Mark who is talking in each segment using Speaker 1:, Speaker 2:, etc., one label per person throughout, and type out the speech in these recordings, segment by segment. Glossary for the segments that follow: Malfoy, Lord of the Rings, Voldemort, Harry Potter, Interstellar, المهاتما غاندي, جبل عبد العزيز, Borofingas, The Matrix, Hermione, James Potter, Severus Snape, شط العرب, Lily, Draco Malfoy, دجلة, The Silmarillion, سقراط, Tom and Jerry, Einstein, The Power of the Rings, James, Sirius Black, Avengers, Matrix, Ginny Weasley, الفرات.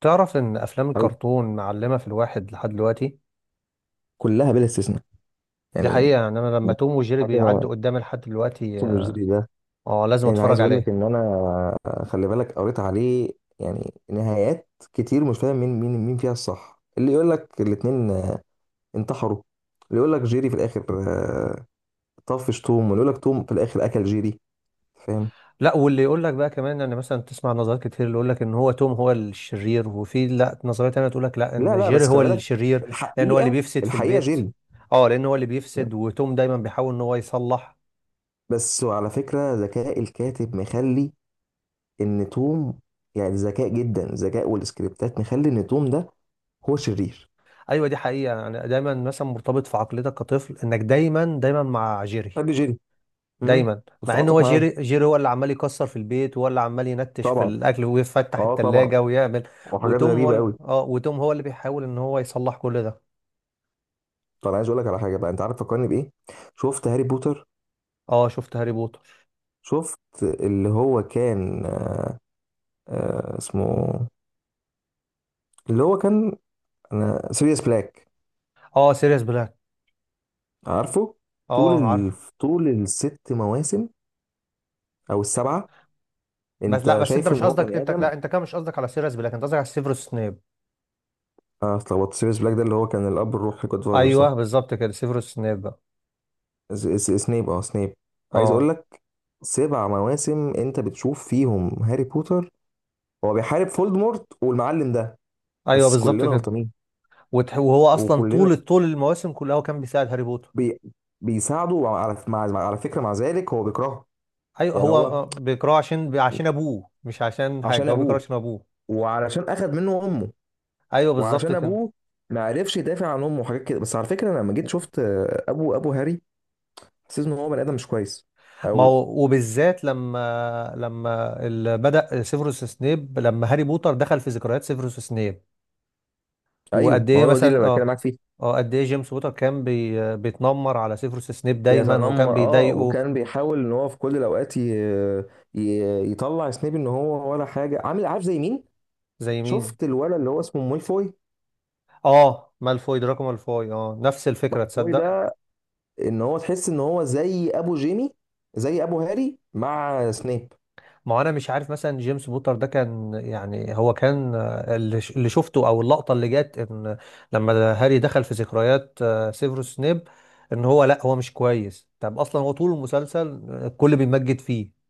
Speaker 1: تعرف ان افلام
Speaker 2: أو
Speaker 1: الكرتون معلمه في الواحد لحد دلوقتي.
Speaker 2: كلها بلا استثناء،
Speaker 1: دي
Speaker 2: يعني
Speaker 1: حقيقه، يعني انا لما توم وجيري
Speaker 2: حاجه
Speaker 1: بيعدوا قدامي لحد دلوقتي
Speaker 2: سوبر
Speaker 1: اه
Speaker 2: جيري ده.
Speaker 1: آه، لازم
Speaker 2: انا عايز
Speaker 1: اتفرج
Speaker 2: اقول لك
Speaker 1: عليه.
Speaker 2: ان انا، خلي بالك، قريت عليه يعني نهايات كتير، مش فاهم مين فيها الصح. اللي يقول لك الاتنين انتحروا، اللي يقول لك جيري في الاخر طفش توم، واللي يقول لك توم في الاخر اكل جيري. فاهم؟
Speaker 1: لا، واللي يقول لك بقى كمان ان مثلا تسمع نظريات كتير، اللي يقول لك ان هو توم هو الشرير، وفي لا نظريه تانيه تقول لك لا
Speaker 2: لا
Speaker 1: ان
Speaker 2: لا،
Speaker 1: جيري
Speaker 2: بس
Speaker 1: هو
Speaker 2: خلي بالك،
Speaker 1: الشرير، لان هو اللي
Speaker 2: الحقيقه
Speaker 1: بيفسد في
Speaker 2: الحقيقه،
Speaker 1: البيت
Speaker 2: جيري.
Speaker 1: اه لان هو اللي بيفسد، وتوم دايما بيحاول ان هو يصلح.
Speaker 2: بس وعلى فكرة ذكاء الكاتب مخلي إن توم، يعني ذكاء جدا ذكاء، والسكريبتات مخلي إن توم ده هو شرير.
Speaker 1: ايوه، دي حقيقه، يعني دايما مثلا مرتبط في عقليتك كطفل انك دايما دايما مع جيري
Speaker 2: بحب جيري. امم
Speaker 1: دايما. مع ان
Speaker 2: بتتعاطف
Speaker 1: هو
Speaker 2: معاه.
Speaker 1: جيري هو اللي عمال يكسر في البيت، وهو اللي عمال ينتش في
Speaker 2: طبعا،
Speaker 1: الاكل ويفتح
Speaker 2: اه، طبعا،
Speaker 1: التلاجة ويعمل.
Speaker 2: وحاجات غريبه قوي.
Speaker 1: وتوم هو اللي بيحاول ان هو يصلح كل ده.
Speaker 2: طب انا عايز اقول لك على حاجه بقى، انت عارف فكرني بايه؟ شفت هاري بوتر؟
Speaker 1: اه، شفت هاري بوتر.
Speaker 2: شفت اللي هو كان، اسمه، اللي هو كان، انا سيريوس بلاك،
Speaker 1: اه، سيريس بلاك.
Speaker 2: عارفه؟ طول
Speaker 1: اه، عارف.
Speaker 2: ال... طول الست مواسم او السبعه،
Speaker 1: بس لا،
Speaker 2: انت
Speaker 1: بس انت
Speaker 2: شايفه ان
Speaker 1: مش
Speaker 2: هو
Speaker 1: قصدك،
Speaker 2: بني
Speaker 1: انت
Speaker 2: ادم.
Speaker 1: لا، انت كده مش قصدك على سيريس بلاك، انت قصدك على سيفروس سنيب.
Speaker 2: اه اتلخبطت، سيريوس بلاك ده اللي هو كان الاب الروحي جود فازر،
Speaker 1: ايوه
Speaker 2: صح؟
Speaker 1: بالظبط كده، سيفروس سنيب بقى.
Speaker 2: سنيب. عايز اقول
Speaker 1: اه.
Speaker 2: لك، سبع مواسم انت بتشوف فيهم هاري بوتر، هو بيحارب فولدمورت والمعلم ده.
Speaker 1: ايوه
Speaker 2: بس
Speaker 1: بالظبط
Speaker 2: كلنا
Speaker 1: كده.
Speaker 2: غلطانين.
Speaker 1: وهو اصلا
Speaker 2: وكلنا
Speaker 1: طول طول المواسم كلها هو كان بيساعد هاري بوتر.
Speaker 2: بي بيساعده على على فكره، مع ذلك هو بيكرهه،
Speaker 1: ايوه،
Speaker 2: يعني
Speaker 1: هو
Speaker 2: هو
Speaker 1: بيكرهه عشان ابوه، مش عشان
Speaker 2: عشان
Speaker 1: حاجه، هو بيكرهه
Speaker 2: ابوه،
Speaker 1: عشان ابوه.
Speaker 2: وعلشان اخذ منه امه،
Speaker 1: ايوه بالظبط
Speaker 2: وعشان
Speaker 1: كده.
Speaker 2: ابوه ما عرفش يدافع عن امه وحاجات كده. بس على فكره، انا لما جيت شفت، ابو هاري، حسيت ان هو بني ادم مش كويس،
Speaker 1: ما
Speaker 2: او...
Speaker 1: هو، وبالذات لما بدأ سيفروس سنيب، لما هاري بوتر دخل في ذكريات سيفروس سنيب،
Speaker 2: ايوه
Speaker 1: وقد
Speaker 2: ما
Speaker 1: ايه
Speaker 2: هو دي اللي
Speaker 1: مثلا
Speaker 2: بتكلم
Speaker 1: اه
Speaker 2: معاك فيها.
Speaker 1: اه قد ايه جيمس بوتر كان بيتنمر على سيفروس سنيب دايما وكان
Speaker 2: بيتنمر، اه،
Speaker 1: بيضايقه
Speaker 2: وكان بيحاول ان هو في كل الاوقات ي... يطلع سنيب ان هو ولا حاجه، عامل عارف زي مين؟
Speaker 1: زي مين.
Speaker 2: شفت الولد اللي هو اسمه مالفوي
Speaker 1: اه، مالفوي، دراكو مالفوي، اه، نفس الفكرة،
Speaker 2: مالفوي
Speaker 1: تصدق.
Speaker 2: ده ان هو تحس ان هو زي ابو جيمي، زي ابو هاري مع سنيب.
Speaker 1: ما هو انا مش عارف مثلا جيمس بوتر ده كان، يعني هو كان اللي شفته، او اللقطه اللي جت ان لما هاري دخل في ذكريات سيفروس سنيب، ان هو لا، هو مش كويس. طب اصلا هو طول المسلسل الكل بيمجد فيه.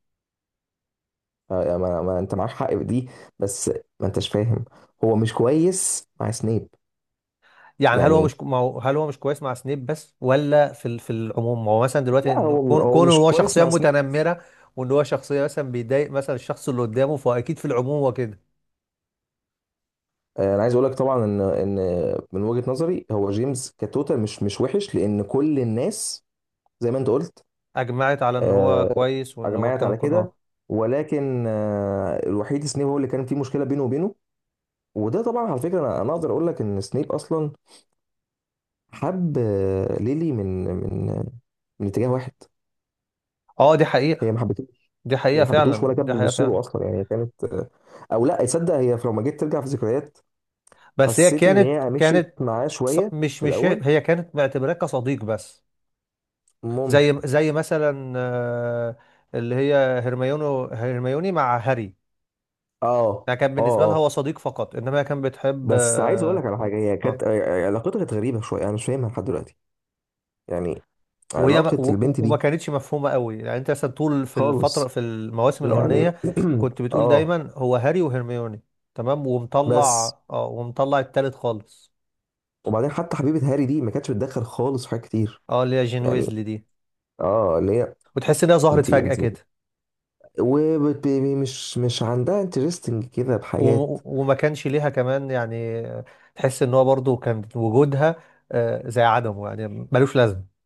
Speaker 2: ما انت معاك حق في دي، بس ما انتش فاهم، هو مش كويس مع سنيب.
Speaker 1: يعني هل هو مش
Speaker 2: يعني
Speaker 1: ك- ما هو- هل هو مش كويس مع سنيب بس ولا في العموم؟ ما هو مثلا دلوقتي
Speaker 2: لا
Speaker 1: ان
Speaker 2: هو
Speaker 1: كون
Speaker 2: هو
Speaker 1: كون إن
Speaker 2: مش
Speaker 1: هو
Speaker 2: كويس
Speaker 1: شخصيه
Speaker 2: مع سنيب بس.
Speaker 1: متنمره، وان هو شخصيه مثلا بيضايق مثلا الشخص اللي قدامه، فاكيد في العموم هو كده.
Speaker 2: انا عايز اقول لك طبعا ان من وجهة نظري هو جيمس كتوتال مش وحش، لان كل الناس زي ما انت قلت،
Speaker 1: اجمعت على ان هو
Speaker 2: آه،
Speaker 1: كويس، وان هو
Speaker 2: اجمعت
Speaker 1: كان
Speaker 2: على
Speaker 1: كان-
Speaker 2: كده.
Speaker 1: اه
Speaker 2: ولكن الوحيد سنيب هو اللي كان فيه مشكله بينه وبينه. وده طبعا على فكره، انا اقدر اقول لك ان سنيب اصلا حب، ليلي، من اتجاه واحد.
Speaker 1: اه، دي
Speaker 2: هي
Speaker 1: حقيقه،
Speaker 2: ما حبتوش،
Speaker 1: دي
Speaker 2: هي
Speaker 1: حقيقة
Speaker 2: ما حبتوش
Speaker 1: فعلا،
Speaker 2: ولا كانت
Speaker 1: دي حقيقة
Speaker 2: بتبص
Speaker 1: فعلا.
Speaker 2: له اصلا، يعني هي كانت، او لا، تصدق، هي لو ما جيت ترجع في ذكريات،
Speaker 1: بس هي
Speaker 2: حسيت ان
Speaker 1: كانت
Speaker 2: هي مشيت
Speaker 1: كانت
Speaker 2: معاه
Speaker 1: ص-
Speaker 2: شويه
Speaker 1: مش
Speaker 2: في
Speaker 1: مش هي
Speaker 2: الاول.
Speaker 1: هي كانت معتبراه كصديق بس.
Speaker 2: ممكن.
Speaker 1: زي مثلا اللي هي هرميوني مع هاري.
Speaker 2: اه،
Speaker 1: يعني كان
Speaker 2: اه،
Speaker 1: بالنسبة لها
Speaker 2: اه.
Speaker 1: هو صديق فقط، انما هي كانت بتحب
Speaker 2: بس عايز اقول لك
Speaker 1: اه
Speaker 2: على حاجه، هي كانت،
Speaker 1: آه.
Speaker 2: علاقتها كانت غريبه شويه، انا مش فاهمها لحد دلوقتي، يعني
Speaker 1: وهي
Speaker 2: علاقة
Speaker 1: ما- و- و-
Speaker 2: البنت
Speaker 1: وما
Speaker 2: دي
Speaker 1: كانتش مفهومة قوي، يعني انت مثلا طول في الفترة
Speaker 2: خالص،
Speaker 1: في المواسم
Speaker 2: يعني
Speaker 1: الأولانية كنت بتقول
Speaker 2: اه،
Speaker 1: دايما هو هاري وهرميوني تمام،
Speaker 2: بس.
Speaker 1: ومطلع التالت خالص.
Speaker 2: وبعدين حتى حبيبة هاري دي ما كانتش بتدخل خالص في حاجات كتير،
Speaker 1: اه، اللي هي جين
Speaker 2: يعني،
Speaker 1: ويزلي دي،
Speaker 2: اه، اللي هي
Speaker 1: وتحس ان هي ظهرت
Speaker 2: انت
Speaker 1: فجأة
Speaker 2: انت
Speaker 1: كده.
Speaker 2: ومش مش عندها انترستنج كده بحاجات.
Speaker 1: وما كانش ليها كمان، يعني تحس ان هو برضو كان وجودها زي عدمه، يعني ملوش لازمه.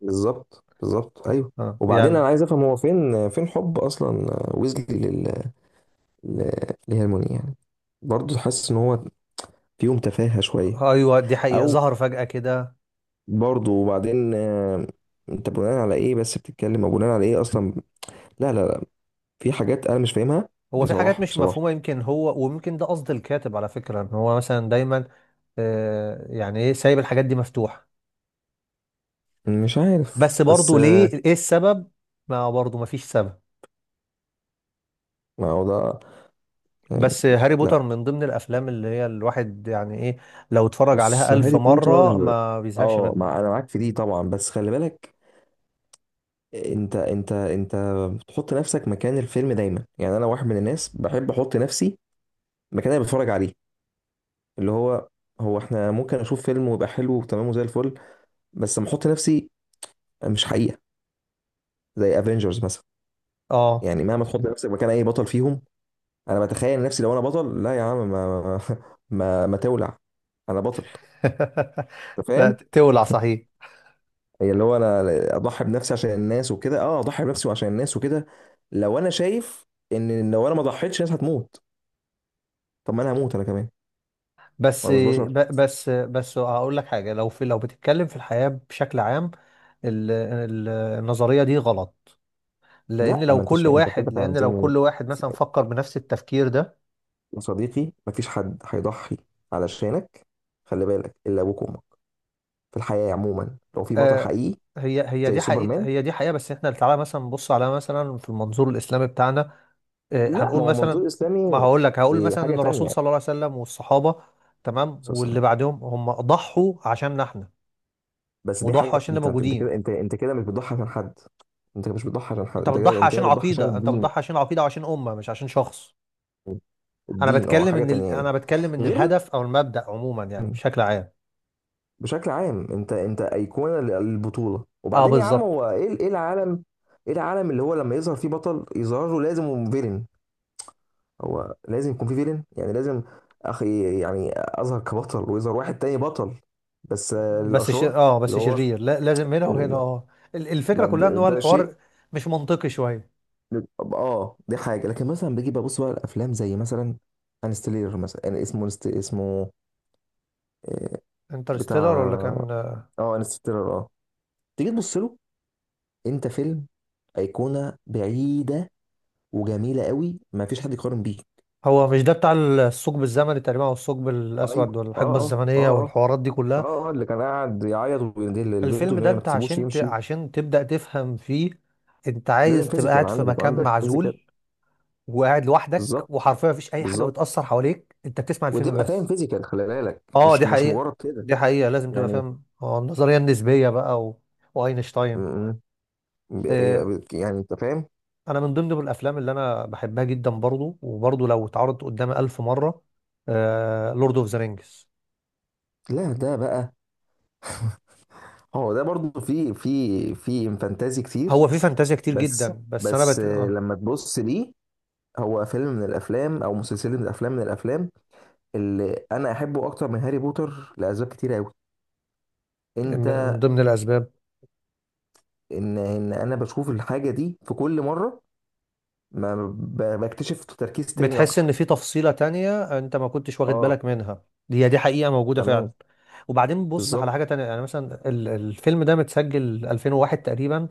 Speaker 2: بالظبط، بالظبط، ايوه.
Speaker 1: آه،
Speaker 2: وبعدين
Speaker 1: يعني
Speaker 2: انا عايز افهم هو فين حب اصلا، ويزلي لهرموني، يعني برضه حاسس ان هو فيهم تفاهة شوية.
Speaker 1: ايوه، دي حقيقه،
Speaker 2: او
Speaker 1: ظهر فجاه كده.
Speaker 2: برضه، وبعدين، انت بناء على ايه بس بتتكلم، او بناء على ايه اصلا؟ لا لا، في حاجات انا مش فاهمها.
Speaker 1: هو في حاجات
Speaker 2: بصراحه،
Speaker 1: مش مفهومه،
Speaker 2: بصراحه
Speaker 1: يمكن هو، ويمكن ده قصد الكاتب على فكره ان هو مثلا دايما يعني ايه، سايب الحاجات دي مفتوحه،
Speaker 2: مش عارف،
Speaker 1: بس
Speaker 2: بس
Speaker 1: برضو ليه، ايه السبب، ما برضو ما فيش سبب.
Speaker 2: ما هو ده، يعني
Speaker 1: بس هاري
Speaker 2: لا.
Speaker 1: بوتر من ضمن الافلام اللي هي الواحد يعني ايه لو اتفرج
Speaker 2: بص،
Speaker 1: عليها الف
Speaker 2: هاري
Speaker 1: مره
Speaker 2: بوتر،
Speaker 1: ما بيزهقش
Speaker 2: اه،
Speaker 1: منها.
Speaker 2: مع انا معاك في دي طبعا، بس خلي بالك، انت بتحط نفسك مكان الفيلم دايما، يعني انا واحد من الناس بحب احط نفسي مكان اللي بتفرج عليه، اللي هو احنا ممكن اشوف فيلم ويبقى حلو وتمام وزي الفل، بس لما احط نفسي، مش حقيقه، زي افنجرز مثلا،
Speaker 1: اه
Speaker 2: يعني مهما تحط نفسك مكان اي بطل فيهم، انا بتخيل نفسي لو انا بطل، لا يا عم، ما ما ما تولع! انا بطل؟ انت
Speaker 1: لا،
Speaker 2: فاهم؟
Speaker 1: تولع صحيح.
Speaker 2: هي اللي هو انا اضحي بنفسي عشان الناس وكده، اه، اضحي بنفسي وعشان الناس وكده، لو انا شايف ان لو انا ما ضحيتش الناس هتموت، طب ما انا هموت انا كمان،
Speaker 1: بس
Speaker 2: وانا مش بشر.
Speaker 1: ب- بس بس هقول لك حاجه، لو في، لو بتتكلم في الحياه بشكل عام، ال- ال- النظريه دي غلط، لان
Speaker 2: لا،
Speaker 1: لو
Speaker 2: ما انتش
Speaker 1: كل
Speaker 2: فاهم، انت كده
Speaker 1: واحد، لان لو
Speaker 2: فهمتني
Speaker 1: كل واحد مثلا فكر بنفس التفكير ده.
Speaker 2: يا صديقي. ما فيش حد هيضحي علشانك، خلي بالك، الا ابوك وامك. في الحياه عموما لو في بطل
Speaker 1: آه،
Speaker 2: حقيقي
Speaker 1: هي
Speaker 2: زي
Speaker 1: دي حقيقه،
Speaker 2: سوبرمان.
Speaker 1: هي دي حقيقه، بس احنا تعالى مثلا نبص على مثلا في المنظور الاسلامي بتاعنا.
Speaker 2: لا
Speaker 1: هنقول
Speaker 2: ما هو
Speaker 1: مثلا،
Speaker 2: منظور
Speaker 1: ما
Speaker 2: اسلامي،
Speaker 1: هقول لك، هقول
Speaker 2: إيه،
Speaker 1: مثلا
Speaker 2: حاجه
Speaker 1: ان الرسول
Speaker 2: تانية.
Speaker 1: صلى الله عليه وسلم والصحابه، تمام، واللي بعدهم، هم ضحوا عشاننا احنا،
Speaker 2: بس دي
Speaker 1: وضحوا
Speaker 2: حاجه،
Speaker 1: عشان اللي
Speaker 2: انت
Speaker 1: موجودين.
Speaker 2: كده، انت كده مش بتضحي عشان حد، انت مش بتضحي عشان حد،
Speaker 1: انت
Speaker 2: انت كده،
Speaker 1: بتضحي
Speaker 2: انت كده
Speaker 1: عشان
Speaker 2: بتضحي عشان
Speaker 1: عقيده، انت
Speaker 2: الدين.
Speaker 1: بتضحي عشان عقيده وعشان امه، مش عشان شخص. انا
Speaker 2: الدين، اه،
Speaker 1: بتكلم
Speaker 2: حاجه
Speaker 1: ان
Speaker 2: تانية هنا،
Speaker 1: انا بتكلم ان
Speaker 2: غير.
Speaker 1: الهدف او المبدأ عموما، يعني بشكل عام.
Speaker 2: بشكل عام انت ايقونه للبطوله.
Speaker 1: اه،
Speaker 2: وبعدين يا عم
Speaker 1: بالظبط.
Speaker 2: هو ايه ايه العالم، ايه العالم اللي هو لما يظهر فيه بطل يظهر له لازم فيلن. هو لازم يكون فيه فيلن، يعني لازم، اخي يعني اظهر كبطل ويظهر واحد تاني بطل، بس
Speaker 1: بس ش...
Speaker 2: للاشرار.
Speaker 1: اه
Speaker 2: اللي
Speaker 1: بس
Speaker 2: هو
Speaker 1: شرير، لا، لازم هنا وهنا،
Speaker 2: ال-
Speaker 1: اه، الفكره
Speaker 2: ما
Speaker 1: كلها ان
Speaker 2: ده
Speaker 1: هو
Speaker 2: ده شيء
Speaker 1: الحوار مش منطقي شويه.
Speaker 2: اه، دي حاجه. لكن مثلا بيجي ببص بقى الافلام زي مثلا انستيلر مثلا، يعني اسمه اسمه
Speaker 1: انترستيلر ولا
Speaker 2: بتاع،
Speaker 1: كان؟
Speaker 2: اه، انستيلر، اه. تيجي تبص له، انت فيلم، ايقونه بعيده وجميله قوي، ما فيش حد يقارن بيه.
Speaker 1: هو مش ده بتاع الثقب الزمني تقريبا، او الثقب
Speaker 2: ايوه،
Speaker 1: الاسود والحقبه
Speaker 2: اه، اه، اه،
Speaker 1: الزمنيه
Speaker 2: اه،
Speaker 1: والحوارات دي كلها؟
Speaker 2: اه، اه، اللي كان قاعد يعيط ويندل لبنته
Speaker 1: الفيلم
Speaker 2: ان
Speaker 1: ده
Speaker 2: هي ما
Speaker 1: انت
Speaker 2: تسيبوش يمشي.
Speaker 1: عشان تبدأ تفهم فيه انت
Speaker 2: لازم
Speaker 1: عايز تبقى
Speaker 2: فيزيكال
Speaker 1: قاعد في
Speaker 2: عندك، يبقى
Speaker 1: مكان
Speaker 2: عندك فيزيكال،
Speaker 1: معزول وقاعد لوحدك،
Speaker 2: بالظبط،
Speaker 1: وحرفيا مفيش اي حاجه
Speaker 2: بالظبط،
Speaker 1: بتاثر حواليك، انت بتسمع الفيلم
Speaker 2: وتبقى فاهم
Speaker 1: بس.
Speaker 2: فيزيكال، خلي بالك
Speaker 1: اه،
Speaker 2: مش
Speaker 1: دي
Speaker 2: مش
Speaker 1: حقيقه،
Speaker 2: مجرد كده،
Speaker 1: دي حقيقه، لازم تبقى
Speaker 2: يعني
Speaker 1: فاهم النظريه النسبيه بقى واينشتاين.
Speaker 2: م- م-
Speaker 1: آه،
Speaker 2: يعني انت فاهم.
Speaker 1: انا من ضمن الافلام اللي انا بحبها جدا برضو، وبرضو لو اتعرضت قدامي ألف مره، لورد اوف ذا رينجز.
Speaker 2: لا ده بقى، هو ده برضو في فانتازي كتير.
Speaker 1: هو في فانتازيا كتير
Speaker 2: بس
Speaker 1: جدا، بس انا
Speaker 2: بس
Speaker 1: بت... آه،
Speaker 2: لما تبص ليه، هو فيلم من الافلام او مسلسل من الافلام اللي انا احبه اكتر من هاري بوتر لاسباب كتير قوي.
Speaker 1: من
Speaker 2: انت
Speaker 1: من ضمن الاسباب،
Speaker 2: ان انا بشوف الحاجه دي في كل مره ما بكتشف تركيز تاني
Speaker 1: بتحس ان
Speaker 2: اكتر.
Speaker 1: في تفصيلة تانية انت ما كنتش واخد
Speaker 2: اه،
Speaker 1: بالك منها، هي دي حقيقة موجودة فعلا.
Speaker 2: تمام.
Speaker 1: وبعدين بص على حاجة
Speaker 2: بالظبط،
Speaker 1: تانية، يعني مثلا الفيلم ده متسجل 2001 تقريبا،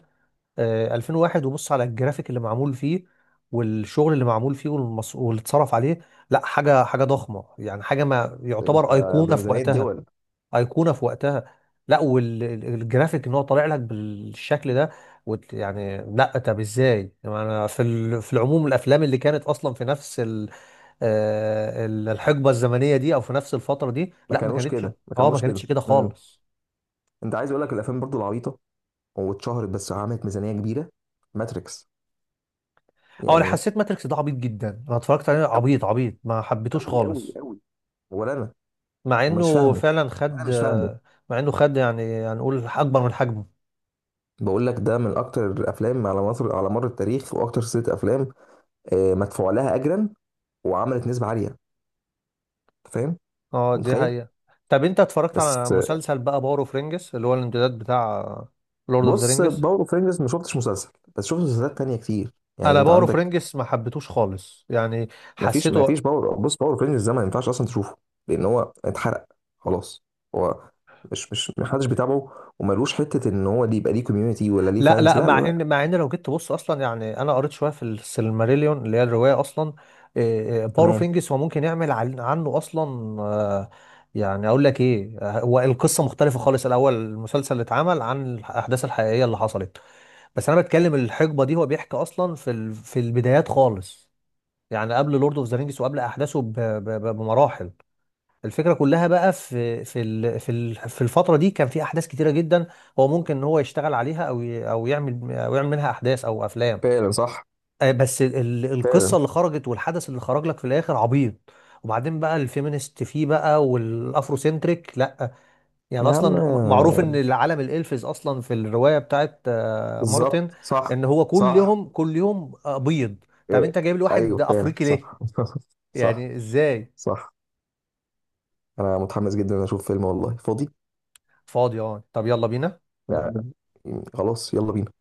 Speaker 1: 2001، وبص على الجرافيك اللي معمول فيه والشغل اللي معمول فيه واللي اتصرف عليه. لا حاجة، حاجة ضخمة، يعني حاجة ما،
Speaker 2: انت
Speaker 1: يعتبر أيقونة
Speaker 2: ده
Speaker 1: في
Speaker 2: ميزانيه
Speaker 1: وقتها،
Speaker 2: دول.
Speaker 1: أيقونة في وقتها. لا، والجرافيك ان هو طالع لك بالشكل ده، وت... يعني لا طب ازاي؟ يعني انا في العموم الافلام اللي كانت اصلا في نفس الحقبه الزمنيه دي، او في نفس الفتره دي،
Speaker 2: ما
Speaker 1: لا ما
Speaker 2: كانوش
Speaker 1: كانتش،
Speaker 2: كده، ما
Speaker 1: اه، ما
Speaker 2: كانوش
Speaker 1: كانتش
Speaker 2: كده.
Speaker 1: كده خالص.
Speaker 2: انت عايز اقول لك الافلام برضو العبيطه واتشهرت، بس عملت ميزانيه كبيره، ماتريكس،
Speaker 1: اه، انا
Speaker 2: يعني،
Speaker 1: حسيت ماتريكس ده عبيط جدا، انا اتفرجت عليه عبيط عبيط، ما حبيتوش
Speaker 2: قوي قوي
Speaker 1: خالص.
Speaker 2: قوي. ولا انا
Speaker 1: مع
Speaker 2: ومش
Speaker 1: انه
Speaker 2: فاهمه،
Speaker 1: فعلا
Speaker 2: انا
Speaker 1: خد
Speaker 2: مش فاهمه.
Speaker 1: آه، مع انه خد يعني هنقول اكبر من حجمه.
Speaker 2: بقول لك ده من اكتر الافلام على مصر على مر التاريخ، واكتر سلسله افلام مدفوع لها اجرا، وعملت نسبه عاليه، أنت فاهم،
Speaker 1: اه، دي
Speaker 2: متخيل؟
Speaker 1: حقيقه. طب انت اتفرجت على
Speaker 2: بس
Speaker 1: مسلسل بقى باور اوف رينجز اللي هو الامتداد بتاع لورد اوف ذا
Speaker 2: بص،
Speaker 1: رينجز؟
Speaker 2: باور اوف رينجز ما شفتش مسلسل، بس شفت مسلسلات تانية كتير يعني،
Speaker 1: انا
Speaker 2: انت
Speaker 1: باور اوف
Speaker 2: عندك.
Speaker 1: رينجز ما حبيتوش خالص، يعني
Speaker 2: ما
Speaker 1: حسيته.
Speaker 2: فيش بص، باور اوف رينجز ده ما ينفعش اصلا تشوفه، لان هو اتحرق خلاص. هو مش محدش بيتابعه وملوش حته ان هو دي، يبقى ليه كوميونتي ولا ليه
Speaker 1: لا
Speaker 2: فانز؟
Speaker 1: لا،
Speaker 2: لا لا
Speaker 1: مع
Speaker 2: لا.
Speaker 1: ان مع ان لو جيت تبص اصلا، يعني انا قريت شويه في السيلماريليون اللي هي الروايه اصلا. إيه، إيه،
Speaker 2: تمام.
Speaker 1: بوروفينجس هو ممكن يعمل عنه اصلا. آه، يعني اقول لك ايه، هو القصه مختلفه خالص الاول، المسلسل اللي اتعمل عن الاحداث الحقيقيه اللي حصلت، بس انا بتكلم الحقبه دي هو بيحكي اصلا في البدايات خالص، يعني قبل لورد اوف ذا رينجز وقبل احداثه بمراحل. الفكرة كلها بقى في الفترة دي كان في أحداث كتيرة جدا، هو ممكن إن هو يشتغل عليها، أو يعمل منها أحداث أو أفلام.
Speaker 2: فعلا صح،
Speaker 1: بس القصة
Speaker 2: فعلا.
Speaker 1: اللي خرجت والحدث اللي خرج لك في الآخر عبيط، وبعدين بقى الفيمينست فيه بقى والأفرو سنتريك، لأ. يعني
Speaker 2: يا عم،
Speaker 1: أصلا معروف إن العالم الإلفز أصلا في الرواية بتاعت
Speaker 2: بالظبط،
Speaker 1: مارتن،
Speaker 2: صح،
Speaker 1: إن هو كل
Speaker 2: صح،
Speaker 1: يوم كل يوم بيض. طب
Speaker 2: إيه.
Speaker 1: أنت جايب لي واحد
Speaker 2: ايوه فعلا
Speaker 1: أفريقي ليه؟
Speaker 2: صح صح،
Speaker 1: يعني إزاي؟
Speaker 2: صح. انا متحمس جدا اشوف فيلم والله، فاضي؟
Speaker 1: فاضي أه، طب يلا بينا.
Speaker 2: لا خلاص، يلا بينا.